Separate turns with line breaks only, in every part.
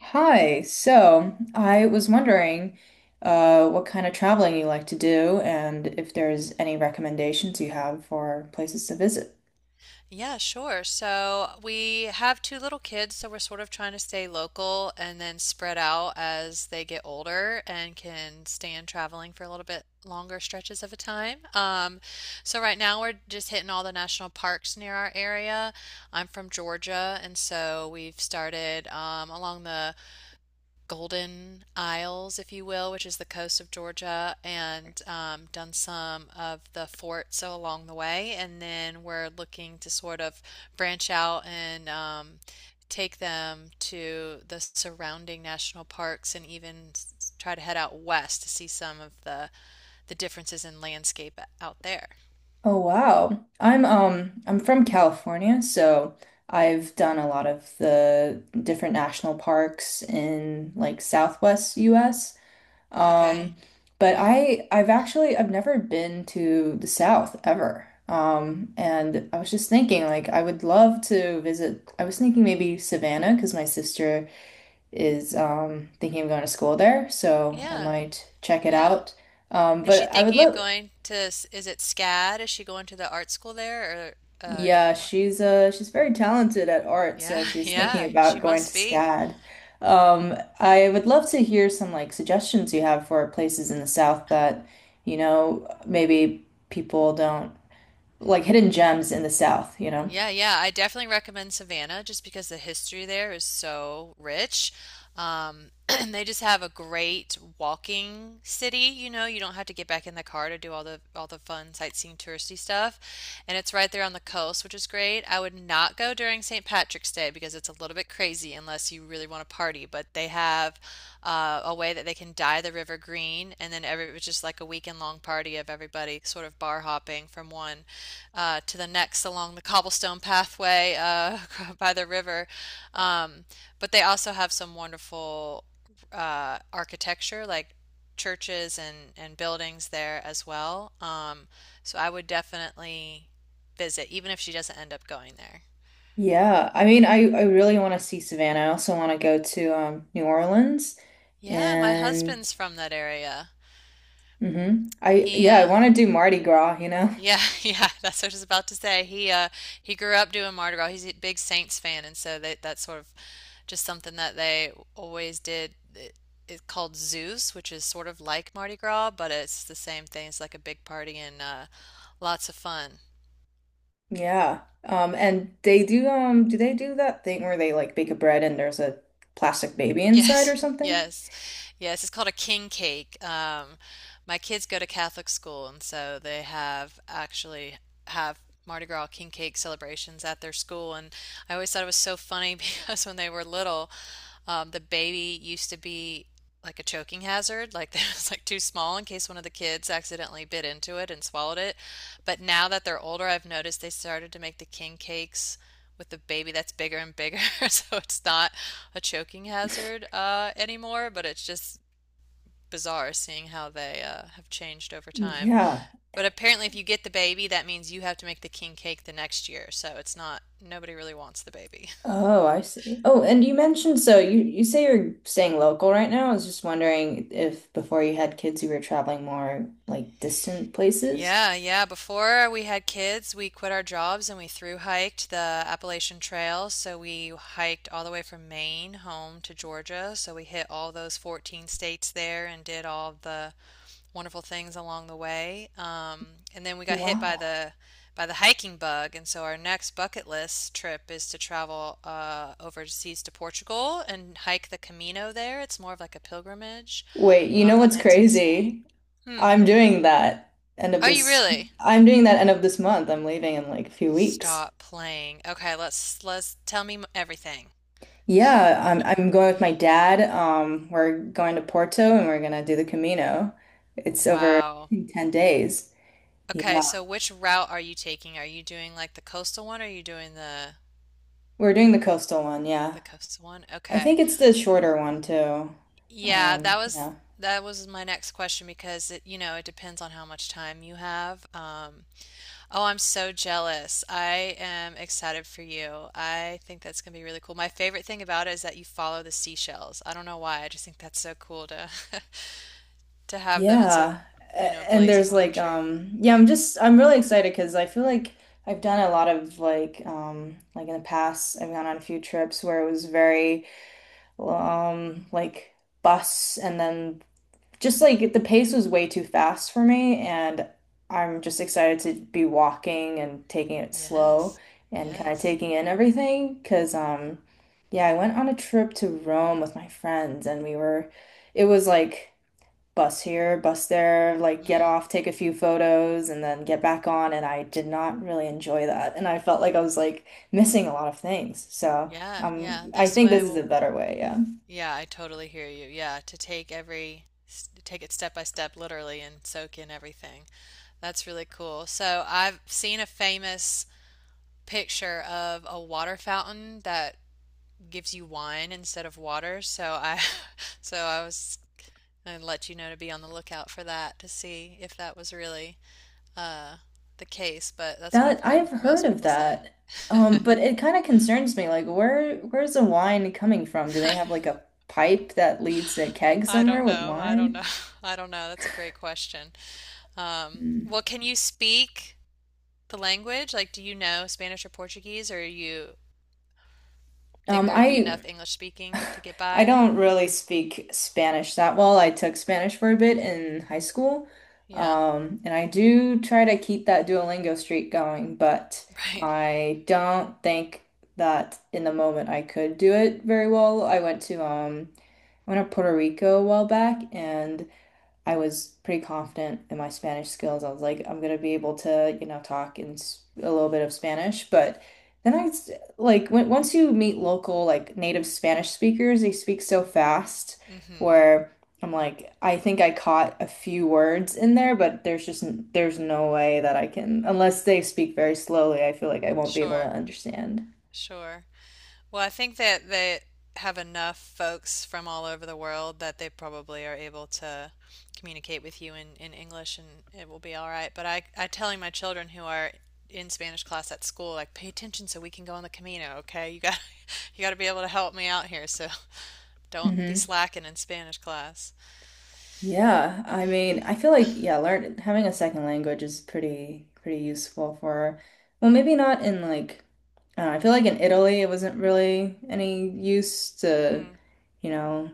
Hi. So I was wondering, what kind of traveling you like to do and if there's any recommendations you have for places to visit.
Yeah, sure. So we have two little kids, so we're sort of trying to stay local and then spread out as they get older and can stand traveling for a little bit longer stretches of a time. So right now we're just hitting all the national parks near our area. I'm from Georgia, and so we've started along the Golden Isles, if you will, which is the coast of Georgia, and done some of the forts so along the way. And then we're looking to sort of branch out and take them to the surrounding national parks and even try to head out west to see some of the differences in landscape out there.
Oh wow. I'm from California, so I've done a lot of the different national parks in like Southwest US.
Okay.
Um, but I I've actually I've never been to the South ever. And I was just thinking like I would love to visit. I was thinking maybe Savannah because my sister is thinking of going to school there, so I
Yeah.
might check it
Yeah.
out.
Is she
But I would
thinking of
love.
going to, is it SCAD? Is she going to the art school there or a
Yeah,
different one?
she's very talented at art, so
Yeah,
she's thinking
yeah, she
about going to
must be.
SCAD. I would love to hear some like suggestions you have for places in the South that, maybe people don't like hidden gems in the South, you know?
Yeah, yeah, I definitely recommend Savannah just because the history there is so rich. And they just have a great walking city, you know, you don't have to get back in the car to do all the fun sightseeing touristy stuff. And it's right there on the coast, which is great. I would not go during St. Patrick's Day because it's a little bit crazy unless you really want to party, but they have a way that they can dye the river green, and then every it was just like a weekend long party of everybody sort of bar hopping from one to the next along the cobblestone pathway by the river. Um, but they also have some wonderful architecture, like churches and buildings there as well. So I would definitely visit, even if she doesn't end up going there.
Yeah, I mean, I really want to see Savannah. I also want to go to New Orleans
Yeah, my
and
husband's from that area.
mhm. I
He
yeah, I want to do Mardi Gras, you know?
Yeah, yeah, that's what I was about to say. He grew up doing Mardi Gras. He's a big Saints fan, and so that's sort of just something that they always did. It's called Zeus, which is sort of like Mardi Gras, but it's the same thing. It's like a big party and lots of fun.
Yeah. And they do do they do that thing where they like bake a bread and there's a plastic baby inside or
Yes,
something?
yes, yes. It's called a king cake. My kids go to Catholic school, and so they have actually have Mardi Gras king cake celebrations at their school. And I always thought it was so funny because when they were little, the baby used to be like a choking hazard, like it was like too small in case one of the kids accidentally bit into it and swallowed it. But now that they're older, I've noticed they started to make the king cakes with a baby that's bigger and bigger, so it's not a choking hazard anymore, but it's just bizarre seeing how they have changed over time.
Yeah.
But apparently, if you get the baby, that means you have to make the king cake the next year, so it's not, nobody really wants the baby.
Oh, I see. Oh, and you mentioned so you say you're staying local right now. I was just wondering if before you had kids you were traveling more like distant places.
Yeah, yeah. Before we had kids, we quit our jobs and we through hiked the Appalachian Trail. So we hiked all the way from Maine home to Georgia. So we hit all those 14 states there and did all the wonderful things along the way. And then we got hit by
Wow.
the hiking bug, and so our next bucket list trip is to travel overseas to Portugal and hike the Camino there. It's more of like a pilgrimage
Wait, you know
that
what's
ends in Spain.
crazy?
Hmm.
I'm doing that end of
Oh, you
this.
really?
I'm doing that end of this month. I'm leaving in like a few weeks.
Stop playing. Okay, let's tell me everything.
Yeah, I'm going with my dad. We're going to Porto and we're gonna do the Camino. It's over, I
Wow.
think, 10 days.
Okay,
Yeah.
so which route are you taking? Are you doing like the coastal one or are you doing
We're doing the coastal one, yeah.
the coastal one?
I
Okay.
think it's the shorter one too.
Yeah,
Um,
that was
yeah.
that was my next question because it, you know, it depends on how much time you have. Oh, I'm so jealous. I am excited for you. I think that's gonna be really cool. My favorite thing about it is that you follow the seashells. I don't know why. I just think that's so cool to to have them instead of,
Yeah.
you know,
And
blazes
there's
on a
like
tree.
yeah, I'm just I'm really excited because I feel like I've done a lot of like in the past I've gone on a few trips where it was very like bus and then just like the pace was way too fast for me and I'm just excited to be walking and taking it slow
Yes.
and kind of
Yes.
taking in everything because yeah I went on a trip to Rome with my friends and we were it was like bus here bus there like get
Mm.
off take a few photos and then get back on and I did not really enjoy that and I felt like I was like missing a lot of things so
Yeah, yeah.
I
This
think this
way
is
we'll
a better way yeah.
Yeah, I totally hear you. Yeah, to take every take it step by step literally and soak in everything. That's really cool. So I've seen a famous picture of a water fountain that gives you wine instead of water. So I was going to let you know to be on the lookout for that to see if that was really uh, the case. But that's what
That
I've heard
I've heard
most
of
people say.
that. Um, but it kind of concerns me. Like, where's the wine coming from? Do they have like a pipe that leads to a keg
I
somewhere
don't
with
know. I don't
wine?
know. I don't know. That's a great question.
Hmm.
Well, can you speak the language? Like, do you know Spanish or Portuguese, or you think there would be
I
enough English speaking to get
I
by?
don't really speak Spanish that well. I took Spanish for a bit in high school.
Yeah,
And I do try to keep that Duolingo streak going, but
right.
I don't think that in the moment I could do it very well. I went to Puerto Rico a while back and I was pretty confident in my Spanish skills. I was like, I'm gonna be able to, talk in a little bit of Spanish. But then like when, once you meet local like native Spanish speakers, they speak so fast
Hmm.
where I'm like, I think I caught a few words in there, but there's just there's no way that I can unless they speak very slowly. I feel like I won't be able to
Sure,
understand.
sure. Well, I think that they have enough folks from all over the world that they probably are able to communicate with you in English and it will be all right. But I telling my children who are in Spanish class at school, like, pay attention so we can go on the Camino, okay? You got you got to be able to help me out here, so don't be
Mm-hmm.
slacking in Spanish class.
Yeah, I mean, I feel like yeah, learn having a second language is pretty useful for, well, maybe not in like, I don't know, I feel like in Italy it wasn't really any use to,
Mm,
you know,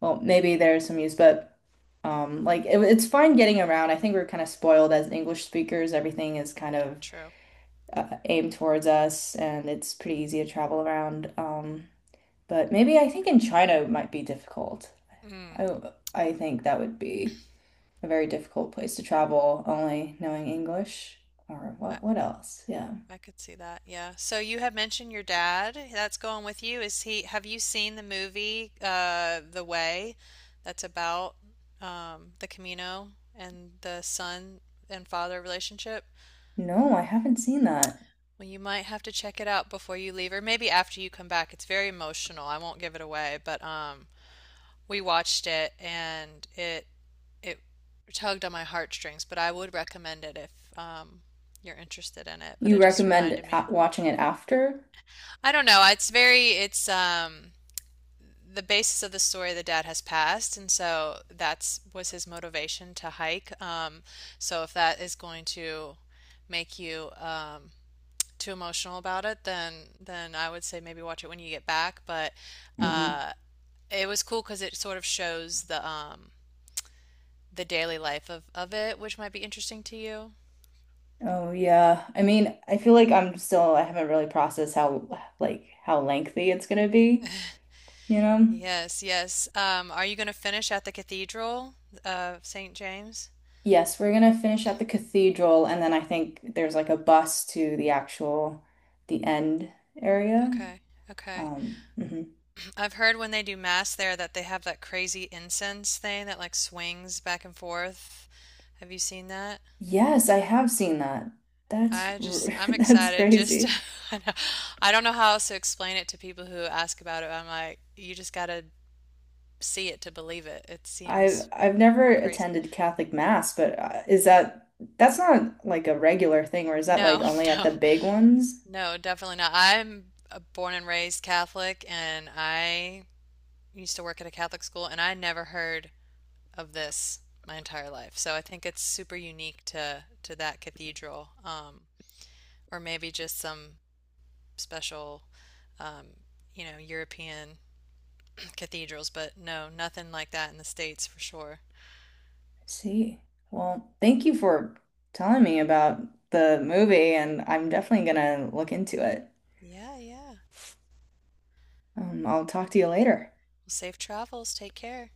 Well, maybe there's some use, but like it's fine getting around. I think we're kind of spoiled as English speakers. Everything is kind of
true.
aimed towards us, and it's pretty easy
Yeah.
to travel around. But maybe I think in China it might be difficult.
Mm,
I I think that would be a very difficult place to travel, only knowing English. Or
I,
what? What else? Yeah.
I could see that. Yeah. So you had mentioned your dad. That's going with you. Have you seen the movie, The Way? That's about, the Camino and the son and father relationship?
No, I haven't seen that.
Well, you might have to check it out before you leave, or maybe after you come back. It's very emotional. I won't give it away, but, we watched it, and it tugged on my heartstrings, but I would recommend it if, you're interested in it. But it
You
just
recommend
reminded me
a watching it after?
I don't know. It's the basis of the story the dad has passed, and so that's was his motivation to hike. So if that is going to make you too emotional about it, then I would say maybe watch it when you get back. But
Hmm.
uh it was cool because it sort of shows the daily life of it, which might be interesting to you.
Oh yeah. I mean, I feel like I haven't really processed how like how lengthy it's gonna be, you know?
Yes, yes. Are you going to finish at the Cathedral of St. James?
Yes, we're gonna finish at the cathedral and then I think there's like a bus to the end area.
Okay, okay.
Mhm.
I've heard when they do mass there that they have that crazy incense thing that like swings back and forth. Have you seen that?
Yes, I have seen that.
I just I'm
That's
excited just to,
crazy.
I know- I don't know how else to explain it to people who ask about it. I'm like, you just gotta see it to believe it. It
I've
seems
I've never
crazy.
attended Catholic Mass, but is that that's not like a regular thing or is that like
No,
only at
no,
the big ones?
no, definitely not. I'm a born and raised Catholic and I used to work at a Catholic school and I never heard of this my entire life. So I think it's super unique to that cathedral, or maybe just some special, um, you know, European cathedrals. But no, nothing like that in the States for sure.
See. Well, thank you for telling me about the movie, and I'm definitely gonna look into it.
Yeah, yeah. Well,
I'll talk to you later.
safe travels. Take care.